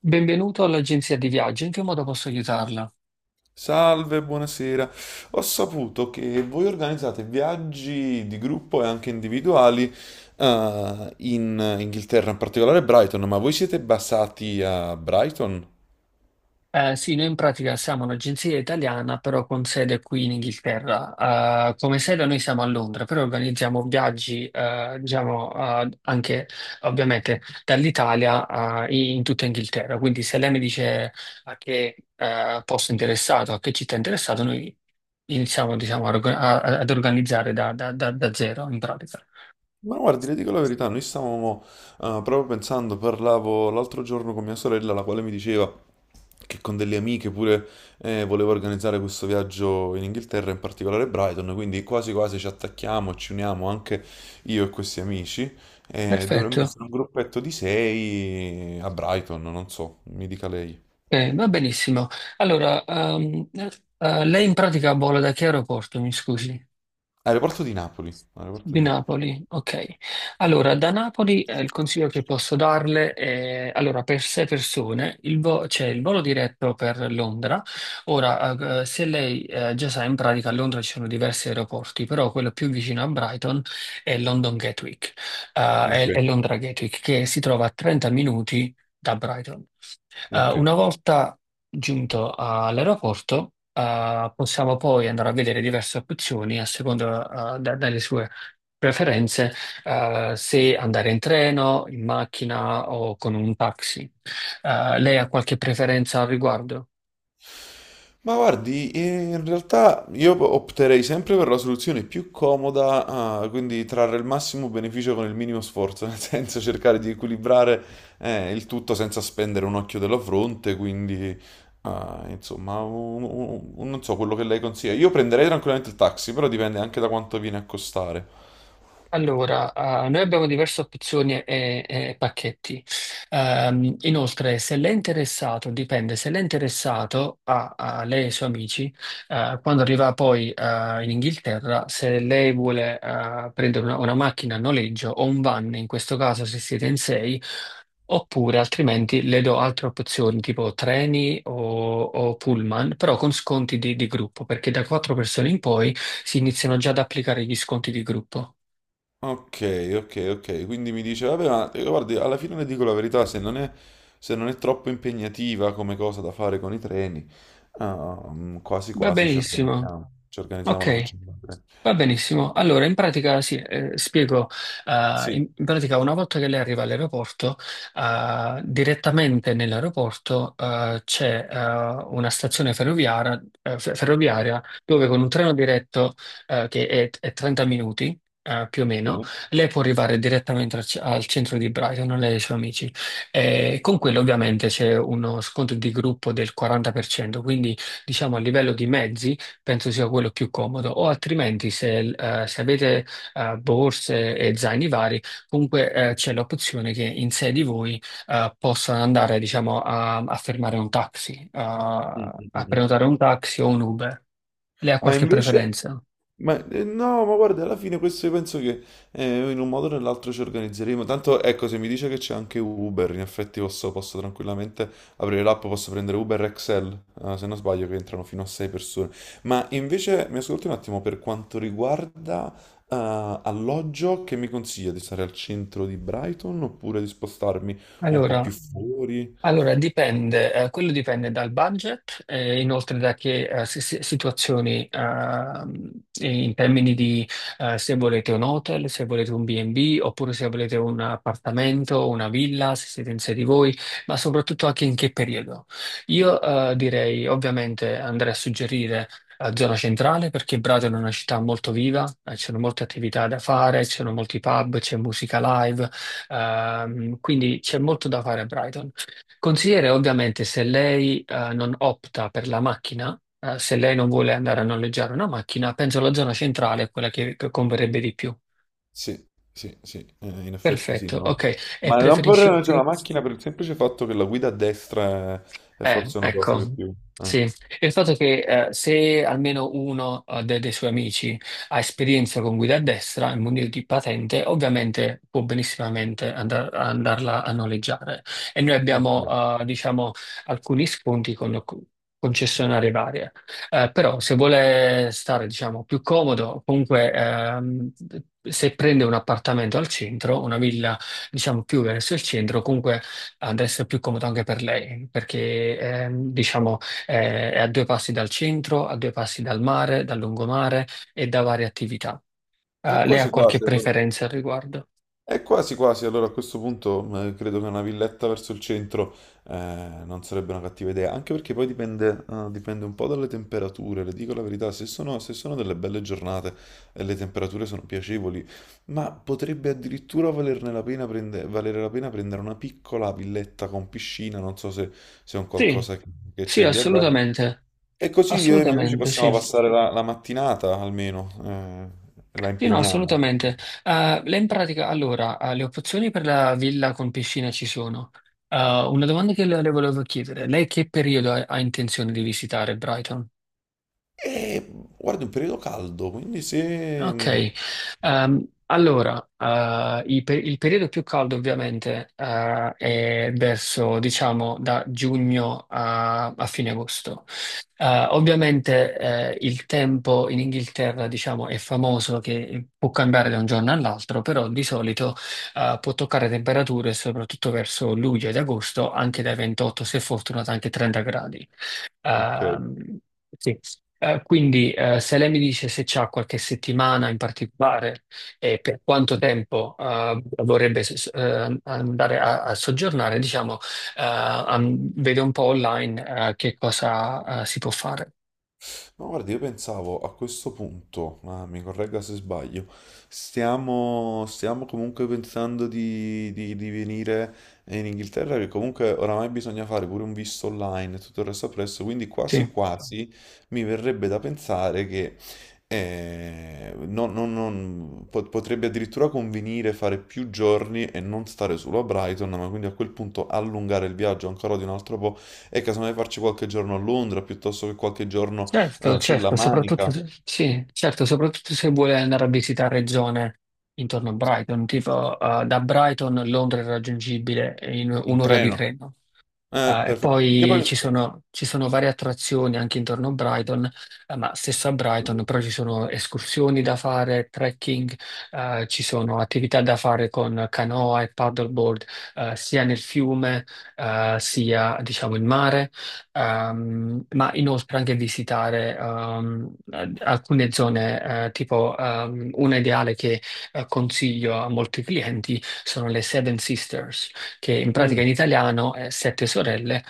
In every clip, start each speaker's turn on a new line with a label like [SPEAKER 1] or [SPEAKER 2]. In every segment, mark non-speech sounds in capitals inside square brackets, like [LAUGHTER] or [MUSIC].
[SPEAKER 1] Benvenuto all'agenzia di viaggio, in che modo posso aiutarla?
[SPEAKER 2] Salve, buonasera. Ho saputo che voi organizzate viaggi di gruppo e anche individuali, in Inghilterra, in particolare Brighton, ma voi siete basati a Brighton?
[SPEAKER 1] Sì, noi in pratica siamo un'agenzia italiana, però con sede qui in Inghilterra. Come sede noi siamo a Londra, però organizziamo viaggi, diciamo, anche ovviamente dall'Italia, in tutta Inghilterra. Quindi se lei mi dice a che, posto è interessato, a che città è interessato, noi iniziamo, diciamo, ad organizzare da zero in pratica.
[SPEAKER 2] Ma guardi, le dico la verità, noi stavamo proprio pensando, parlavo l'altro giorno con mia sorella, la quale mi diceva che con delle amiche pure voleva organizzare questo viaggio in Inghilterra, in particolare Brighton, quindi quasi quasi ci attacchiamo, ci uniamo anche io e questi amici, e dovremmo
[SPEAKER 1] Perfetto.
[SPEAKER 2] essere un gruppetto di sei a Brighton, non so, mi dica lei.
[SPEAKER 1] Va benissimo. Allora, lei in pratica vola da che aeroporto, mi scusi?
[SPEAKER 2] Aeroporto di Napoli, aeroporto
[SPEAKER 1] Di
[SPEAKER 2] di Napoli.
[SPEAKER 1] Napoli, ok. Allora, da Napoli il consiglio che posso darle è, allora, per sei persone c'è il volo diretto per Londra. Ora, se lei già sa, in pratica a Londra ci sono diversi aeroporti, però quello più vicino a Brighton è
[SPEAKER 2] Ok,
[SPEAKER 1] Londra Gatwick, che si trova a 30 minuti da Brighton. Eh,
[SPEAKER 2] ok.
[SPEAKER 1] una volta giunto all'aeroporto, possiamo poi andare a vedere diverse opzioni a seconda, delle sue preferenze, se andare in treno, in macchina o con un taxi. Lei ha qualche preferenza al riguardo?
[SPEAKER 2] Ma guardi, in realtà io opterei sempre per la soluzione più comoda, ah, quindi trarre il massimo beneficio con il minimo sforzo, nel [LAUGHS] senso cercare di equilibrare il tutto senza spendere un occhio della fronte, quindi ah, insomma, non so quello che lei consiglia. Io prenderei tranquillamente il taxi, però dipende anche da quanto viene a costare.
[SPEAKER 1] Allora, noi abbiamo diverse opzioni e pacchetti. Inoltre, se lei è interessato, dipende, se lei è interessato a lei e i suoi amici, quando arriva poi in Inghilterra, se lei vuole prendere una macchina a noleggio o un van, in questo caso se siete in sei, oppure altrimenti le do altre opzioni tipo treni o pullman, però con sconti di gruppo, perché da quattro persone in poi si iniziano già ad applicare gli sconti di gruppo.
[SPEAKER 2] Ok, ok, ok. Quindi mi dice, vabbè, ma guardi, alla fine le dico la verità, se non è troppo impegnativa come cosa da fare con i treni, ah, mm, quasi
[SPEAKER 1] Va
[SPEAKER 2] quasi
[SPEAKER 1] benissimo.
[SPEAKER 2] ci organizziamo, la
[SPEAKER 1] Ok.
[SPEAKER 2] facciamo con i treni.
[SPEAKER 1] Va benissimo. Allora, in pratica, sì, spiego. Eh,
[SPEAKER 2] Sì,
[SPEAKER 1] in, in pratica, una volta che lei arriva all'aeroporto, direttamente nell'aeroporto, c'è, una stazione ferroviaria, ferroviaria dove con un treno diretto, che è 30 minuti, più o meno,
[SPEAKER 2] sì.
[SPEAKER 1] lei può arrivare direttamente al centro di Brighton, lei e i suoi amici. E con quello ovviamente c'è uno sconto di gruppo del 40%, quindi diciamo a livello di mezzi. Penso sia quello più comodo, o altrimenti se, se avete borse e zaini vari, comunque c'è l'opzione che in sé di voi possano andare, diciamo, a fermare un taxi,
[SPEAKER 2] Mm,
[SPEAKER 1] a,
[SPEAKER 2] mm, mm,
[SPEAKER 1] a
[SPEAKER 2] mm.
[SPEAKER 1] prenotare un taxi o un Uber. Lei ha
[SPEAKER 2] Ma
[SPEAKER 1] qualche
[SPEAKER 2] invece,
[SPEAKER 1] preferenza?
[SPEAKER 2] Ma no, ma guarda, alla fine questo io penso che in un modo o nell'altro ci organizzeremo. Tanto ecco, se mi dice che c'è anche Uber, in effetti posso tranquillamente aprire l'app, posso prendere Uber Excel, se non sbaglio, che entrano fino a 6 persone. Ma invece mi ascolti un attimo per quanto riguarda alloggio, che mi consiglia di stare al centro di Brighton oppure di spostarmi un po'
[SPEAKER 1] Allora,
[SPEAKER 2] più fuori?
[SPEAKER 1] Allora, dipende, quello dipende dal budget e inoltre da che situazioni in termini di se volete un hotel, se volete un B&B oppure se volete un appartamento, una villa, se siete in sé di voi, ma soprattutto anche in che periodo. Io direi ovviamente andrei a suggerire zona centrale perché Bradola è una città molto viva, ci sono molte attività da fare, ci sono molti pub, c'è musica live, quindi c'è molto da fare a Brighton. Consigliere, ovviamente, se lei non opta per la macchina, se lei non vuole andare a noleggiare una macchina, penso la zona centrale è quella che converrebbe di più.
[SPEAKER 2] Sì, sì, in effetti sì.
[SPEAKER 1] Perfetto,
[SPEAKER 2] No.
[SPEAKER 1] ok. E
[SPEAKER 2] Ma non vorrei,
[SPEAKER 1] preferisce
[SPEAKER 2] non c'è una
[SPEAKER 1] più?
[SPEAKER 2] macchina per il semplice fatto che la guida a destra è
[SPEAKER 1] Eh,
[SPEAKER 2] forse una cosa che
[SPEAKER 1] ecco,
[SPEAKER 2] più... eh,
[SPEAKER 1] sì. Il fatto è che se almeno uno dei suoi amici ha esperienza con guida a destra e munito di patente, ovviamente può benissimamente andarla a noleggiare. E noi
[SPEAKER 2] ok.
[SPEAKER 1] abbiamo, diciamo, alcuni sconti con concessionarie varie. Però se vuole stare, diciamo, più comodo, comunque se prende un appartamento al centro, una villa, diciamo, più verso il centro, comunque ad essere più comodo anche per lei, perché diciamo è a due passi dal centro, a due passi dal mare, dal lungomare e da varie attività. Lei ha
[SPEAKER 2] Quasi
[SPEAKER 1] qualche
[SPEAKER 2] quasi, allora.
[SPEAKER 1] preferenza al riguardo?
[SPEAKER 2] A questo punto credo che una villetta verso il centro non sarebbe una cattiva idea, anche perché poi dipende, dipende un po' dalle temperature, le dico la verità, se sono delle belle giornate e le temperature sono piacevoli, ma potrebbe addirittura valerne la pena prende- valere la pena prendere una piccola villetta con piscina, non so se, se è un
[SPEAKER 1] Sì,
[SPEAKER 2] qualcosa che
[SPEAKER 1] sì,
[SPEAKER 2] c'è lì a Bari.
[SPEAKER 1] assolutamente.
[SPEAKER 2] E così io e i miei amici
[SPEAKER 1] Assolutamente,
[SPEAKER 2] possiamo
[SPEAKER 1] sì.
[SPEAKER 2] passare la, la mattinata almeno, la
[SPEAKER 1] Sì, no,
[SPEAKER 2] impegniamo.
[SPEAKER 1] assolutamente. Lei in pratica, allora, le opzioni per la villa con piscina ci sono. Una domanda che le volevo chiedere, lei che periodo ha intenzione di visitare Brighton?
[SPEAKER 2] E guarda, è un periodo caldo, quindi se...
[SPEAKER 1] Ok, allora, il periodo più caldo ovviamente è verso, diciamo, da giugno a fine agosto. Ovviamente il tempo in Inghilterra, diciamo, è famoso che può cambiare da un giorno all'altro, però di solito può toccare temperature, soprattutto verso luglio ed agosto, anche dai 28, se fortunato, anche 30 gradi.
[SPEAKER 2] Ok.
[SPEAKER 1] Ehm, sì. Quindi se lei mi dice se c'ha qualche settimana in particolare e per quanto tempo vorrebbe andare a soggiornare, diciamo, vede un po' online che cosa si può fare.
[SPEAKER 2] Ma guarda, io pensavo a questo punto, ma mi corregga se sbaglio, stiamo comunque pensando di, di venire in Inghilterra, che comunque oramai bisogna fare pure un visto online e tutto il resto appresso, quindi
[SPEAKER 1] Sì.
[SPEAKER 2] quasi quasi mi verrebbe da pensare che potrebbe addirittura convenire fare più giorni e non stare solo a Brighton, ma quindi a quel punto allungare il viaggio ancora di un altro po' e casomai farci qualche giorno a Londra piuttosto che qualche giorno
[SPEAKER 1] Certo,
[SPEAKER 2] sulla
[SPEAKER 1] certo, soprattutto
[SPEAKER 2] Manica,
[SPEAKER 1] se, sì, certo, soprattutto se vuole andare a visitare zone intorno a Brighton, tipo da Brighton Londra è raggiungibile in
[SPEAKER 2] in
[SPEAKER 1] un'ora di
[SPEAKER 2] treno.
[SPEAKER 1] treno. E
[SPEAKER 2] Perfetto. Io
[SPEAKER 1] poi
[SPEAKER 2] poi...
[SPEAKER 1] ci sono varie attrazioni anche intorno a Brighton, ma stesso a Brighton, però ci sono escursioni da fare, trekking, ci sono attività da fare con canoa e paddleboard, sia nel fiume, sia diciamo in mare, ma inoltre anche visitare alcune zone, tipo una ideale che consiglio a molti clienti sono le Seven Sisters che in pratica
[SPEAKER 2] Mm,
[SPEAKER 1] in italiano è Sette Sorelle,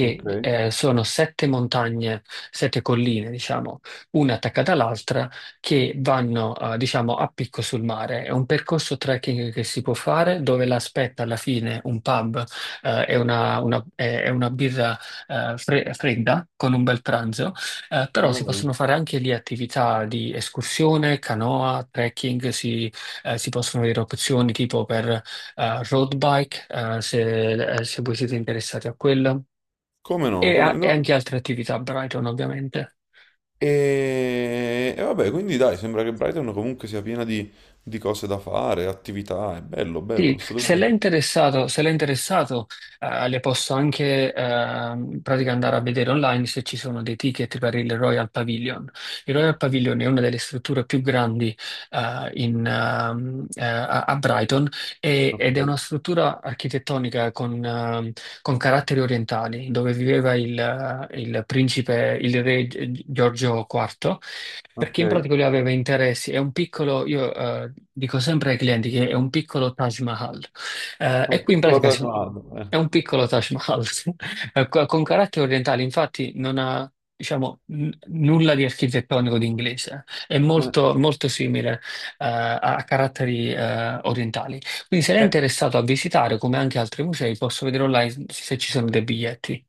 [SPEAKER 2] ok,
[SPEAKER 1] sono sette montagne, sette colline, diciamo, una attaccata all'altra, che vanno, diciamo, a picco sul mare. È un percorso trekking che si può fare, dove l'aspetta alla fine un pub e una birra fredda con un bel pranzo. Però si
[SPEAKER 2] bello.
[SPEAKER 1] possono fare anche lì attività di escursione, canoa, trekking, si possono avere opzioni tipo per road bike, se voi siete interessati a quella,
[SPEAKER 2] Come no,
[SPEAKER 1] e,
[SPEAKER 2] come
[SPEAKER 1] a- e
[SPEAKER 2] no.
[SPEAKER 1] anche altre attività a Brighton, ovviamente.
[SPEAKER 2] E vabbè, quindi dai, sembra che Brighton comunque sia piena di cose da fare, attività, è bello, bello,
[SPEAKER 1] Sì, se l'è
[SPEAKER 2] assolutamente.
[SPEAKER 1] interessato, se l'è interessato, le posso anche pratica andare a vedere online se ci sono dei ticket per il Royal Pavilion. Il Royal Pavilion è una delle strutture più grandi in, a a Brighton
[SPEAKER 2] Ok,
[SPEAKER 1] ed è una struttura architettonica con caratteri orientali, dove viveva il principe, il re Giorgio IV. Perché
[SPEAKER 2] ok.
[SPEAKER 1] in pratica lui aveva interessi, io dico sempre ai clienti che è un piccolo Taj Mahal. E
[SPEAKER 2] Un
[SPEAKER 1] qui in
[SPEAKER 2] piccolo
[SPEAKER 1] pratica
[SPEAKER 2] traguardo.
[SPEAKER 1] è un piccolo Taj Mahal, [LAUGHS] sì. Con caratteri orientali, infatti non ha, diciamo, nulla di architettonico di inglese, è
[SPEAKER 2] Eh,
[SPEAKER 1] molto, molto simile a caratteri orientali. Quindi se lei è
[SPEAKER 2] eh.
[SPEAKER 1] interessato a visitare, come anche altri musei, posso vedere online se ci sono dei biglietti.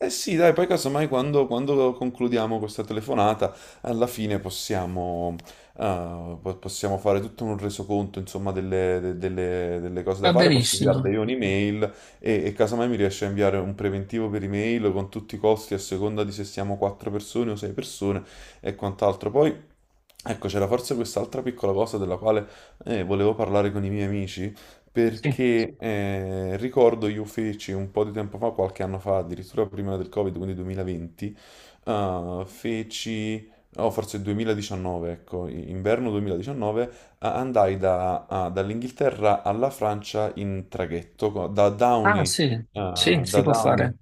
[SPEAKER 2] Eh sì, dai, poi casomai quando, quando concludiamo questa telefonata, alla fine possiamo, possiamo fare tutto un resoconto, insomma, delle cose da
[SPEAKER 1] Va
[SPEAKER 2] fare, posso
[SPEAKER 1] benissimo.
[SPEAKER 2] inviarle io un'email e casomai mi riesce a inviare un preventivo per email con tutti i costi a seconda di se siamo quattro persone o sei persone e quant'altro. Poi, ecco, c'era forse quest'altra piccola cosa della quale volevo parlare con i miei amici.
[SPEAKER 1] Sì.
[SPEAKER 2] Perché ricordo io feci un po' di tempo fa, qualche anno fa, addirittura prima del Covid, quindi 2020, eh, feci, o forse 2019, ecco, inverno 2019, andai dall'Inghilterra alla Francia in traghetto,
[SPEAKER 1] Ah sì, sì, si
[SPEAKER 2] Da
[SPEAKER 1] può
[SPEAKER 2] Downey,
[SPEAKER 1] fare.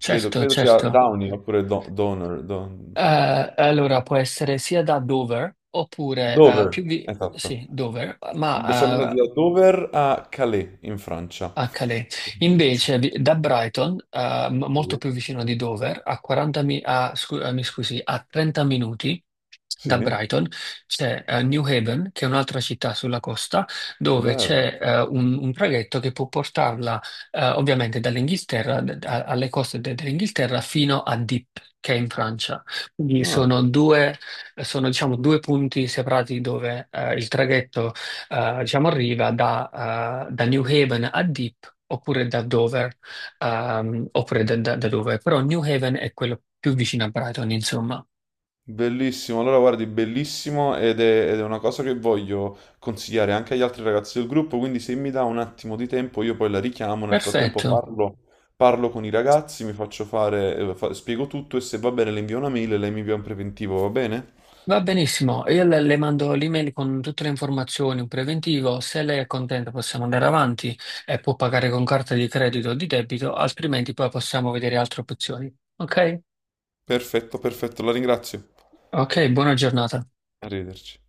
[SPEAKER 2] credo sia
[SPEAKER 1] certo.
[SPEAKER 2] Downey oppure Donor, Don-
[SPEAKER 1] Allora può essere sia da Dover oppure
[SPEAKER 2] Dover, esatto.
[SPEAKER 1] sì, Dover,
[SPEAKER 2] Siamo andati
[SPEAKER 1] ma
[SPEAKER 2] da Dover a Calais in Francia.
[SPEAKER 1] HD. Da Brighton,
[SPEAKER 2] Sì,
[SPEAKER 1] molto più vicino di Dover, a 40 mi, mi scusi, a 30 minuti
[SPEAKER 2] sì,
[SPEAKER 1] da Brighton c'è New Haven, che è un'altra città sulla costa, dove
[SPEAKER 2] bello.
[SPEAKER 1] c'è un traghetto che può portarla ovviamente dall'Inghilterra, alle coste dell'Inghilterra, fino a Dieppe, che è in Francia. Quindi
[SPEAKER 2] Ah,
[SPEAKER 1] sono, diciamo, due punti separati dove il traghetto diciamo, arriva da New Haven a Dieppe oppure da Dover, oppure da Dover, però New Haven è quello più vicino a Brighton, insomma.
[SPEAKER 2] bellissimo, allora guardi, bellissimo ed è una cosa che voglio consigliare anche agli altri ragazzi del gruppo, quindi se mi dà un attimo di tempo io poi la richiamo, nel frattempo
[SPEAKER 1] Perfetto,
[SPEAKER 2] parlo, parlo con i ragazzi, mi faccio fare, spiego tutto e se va bene le invio una mail e lei mi invia un preventivo, va bene?
[SPEAKER 1] va benissimo. Io le mando l'email con tutte le informazioni, un preventivo, se lei è contenta possiamo andare avanti e può pagare con carta di credito o di debito, altrimenti poi possiamo vedere altre opzioni. Ok?
[SPEAKER 2] Perfetto, perfetto, la ringrazio.
[SPEAKER 1] Ok, buona giornata.
[SPEAKER 2] Arrivederci.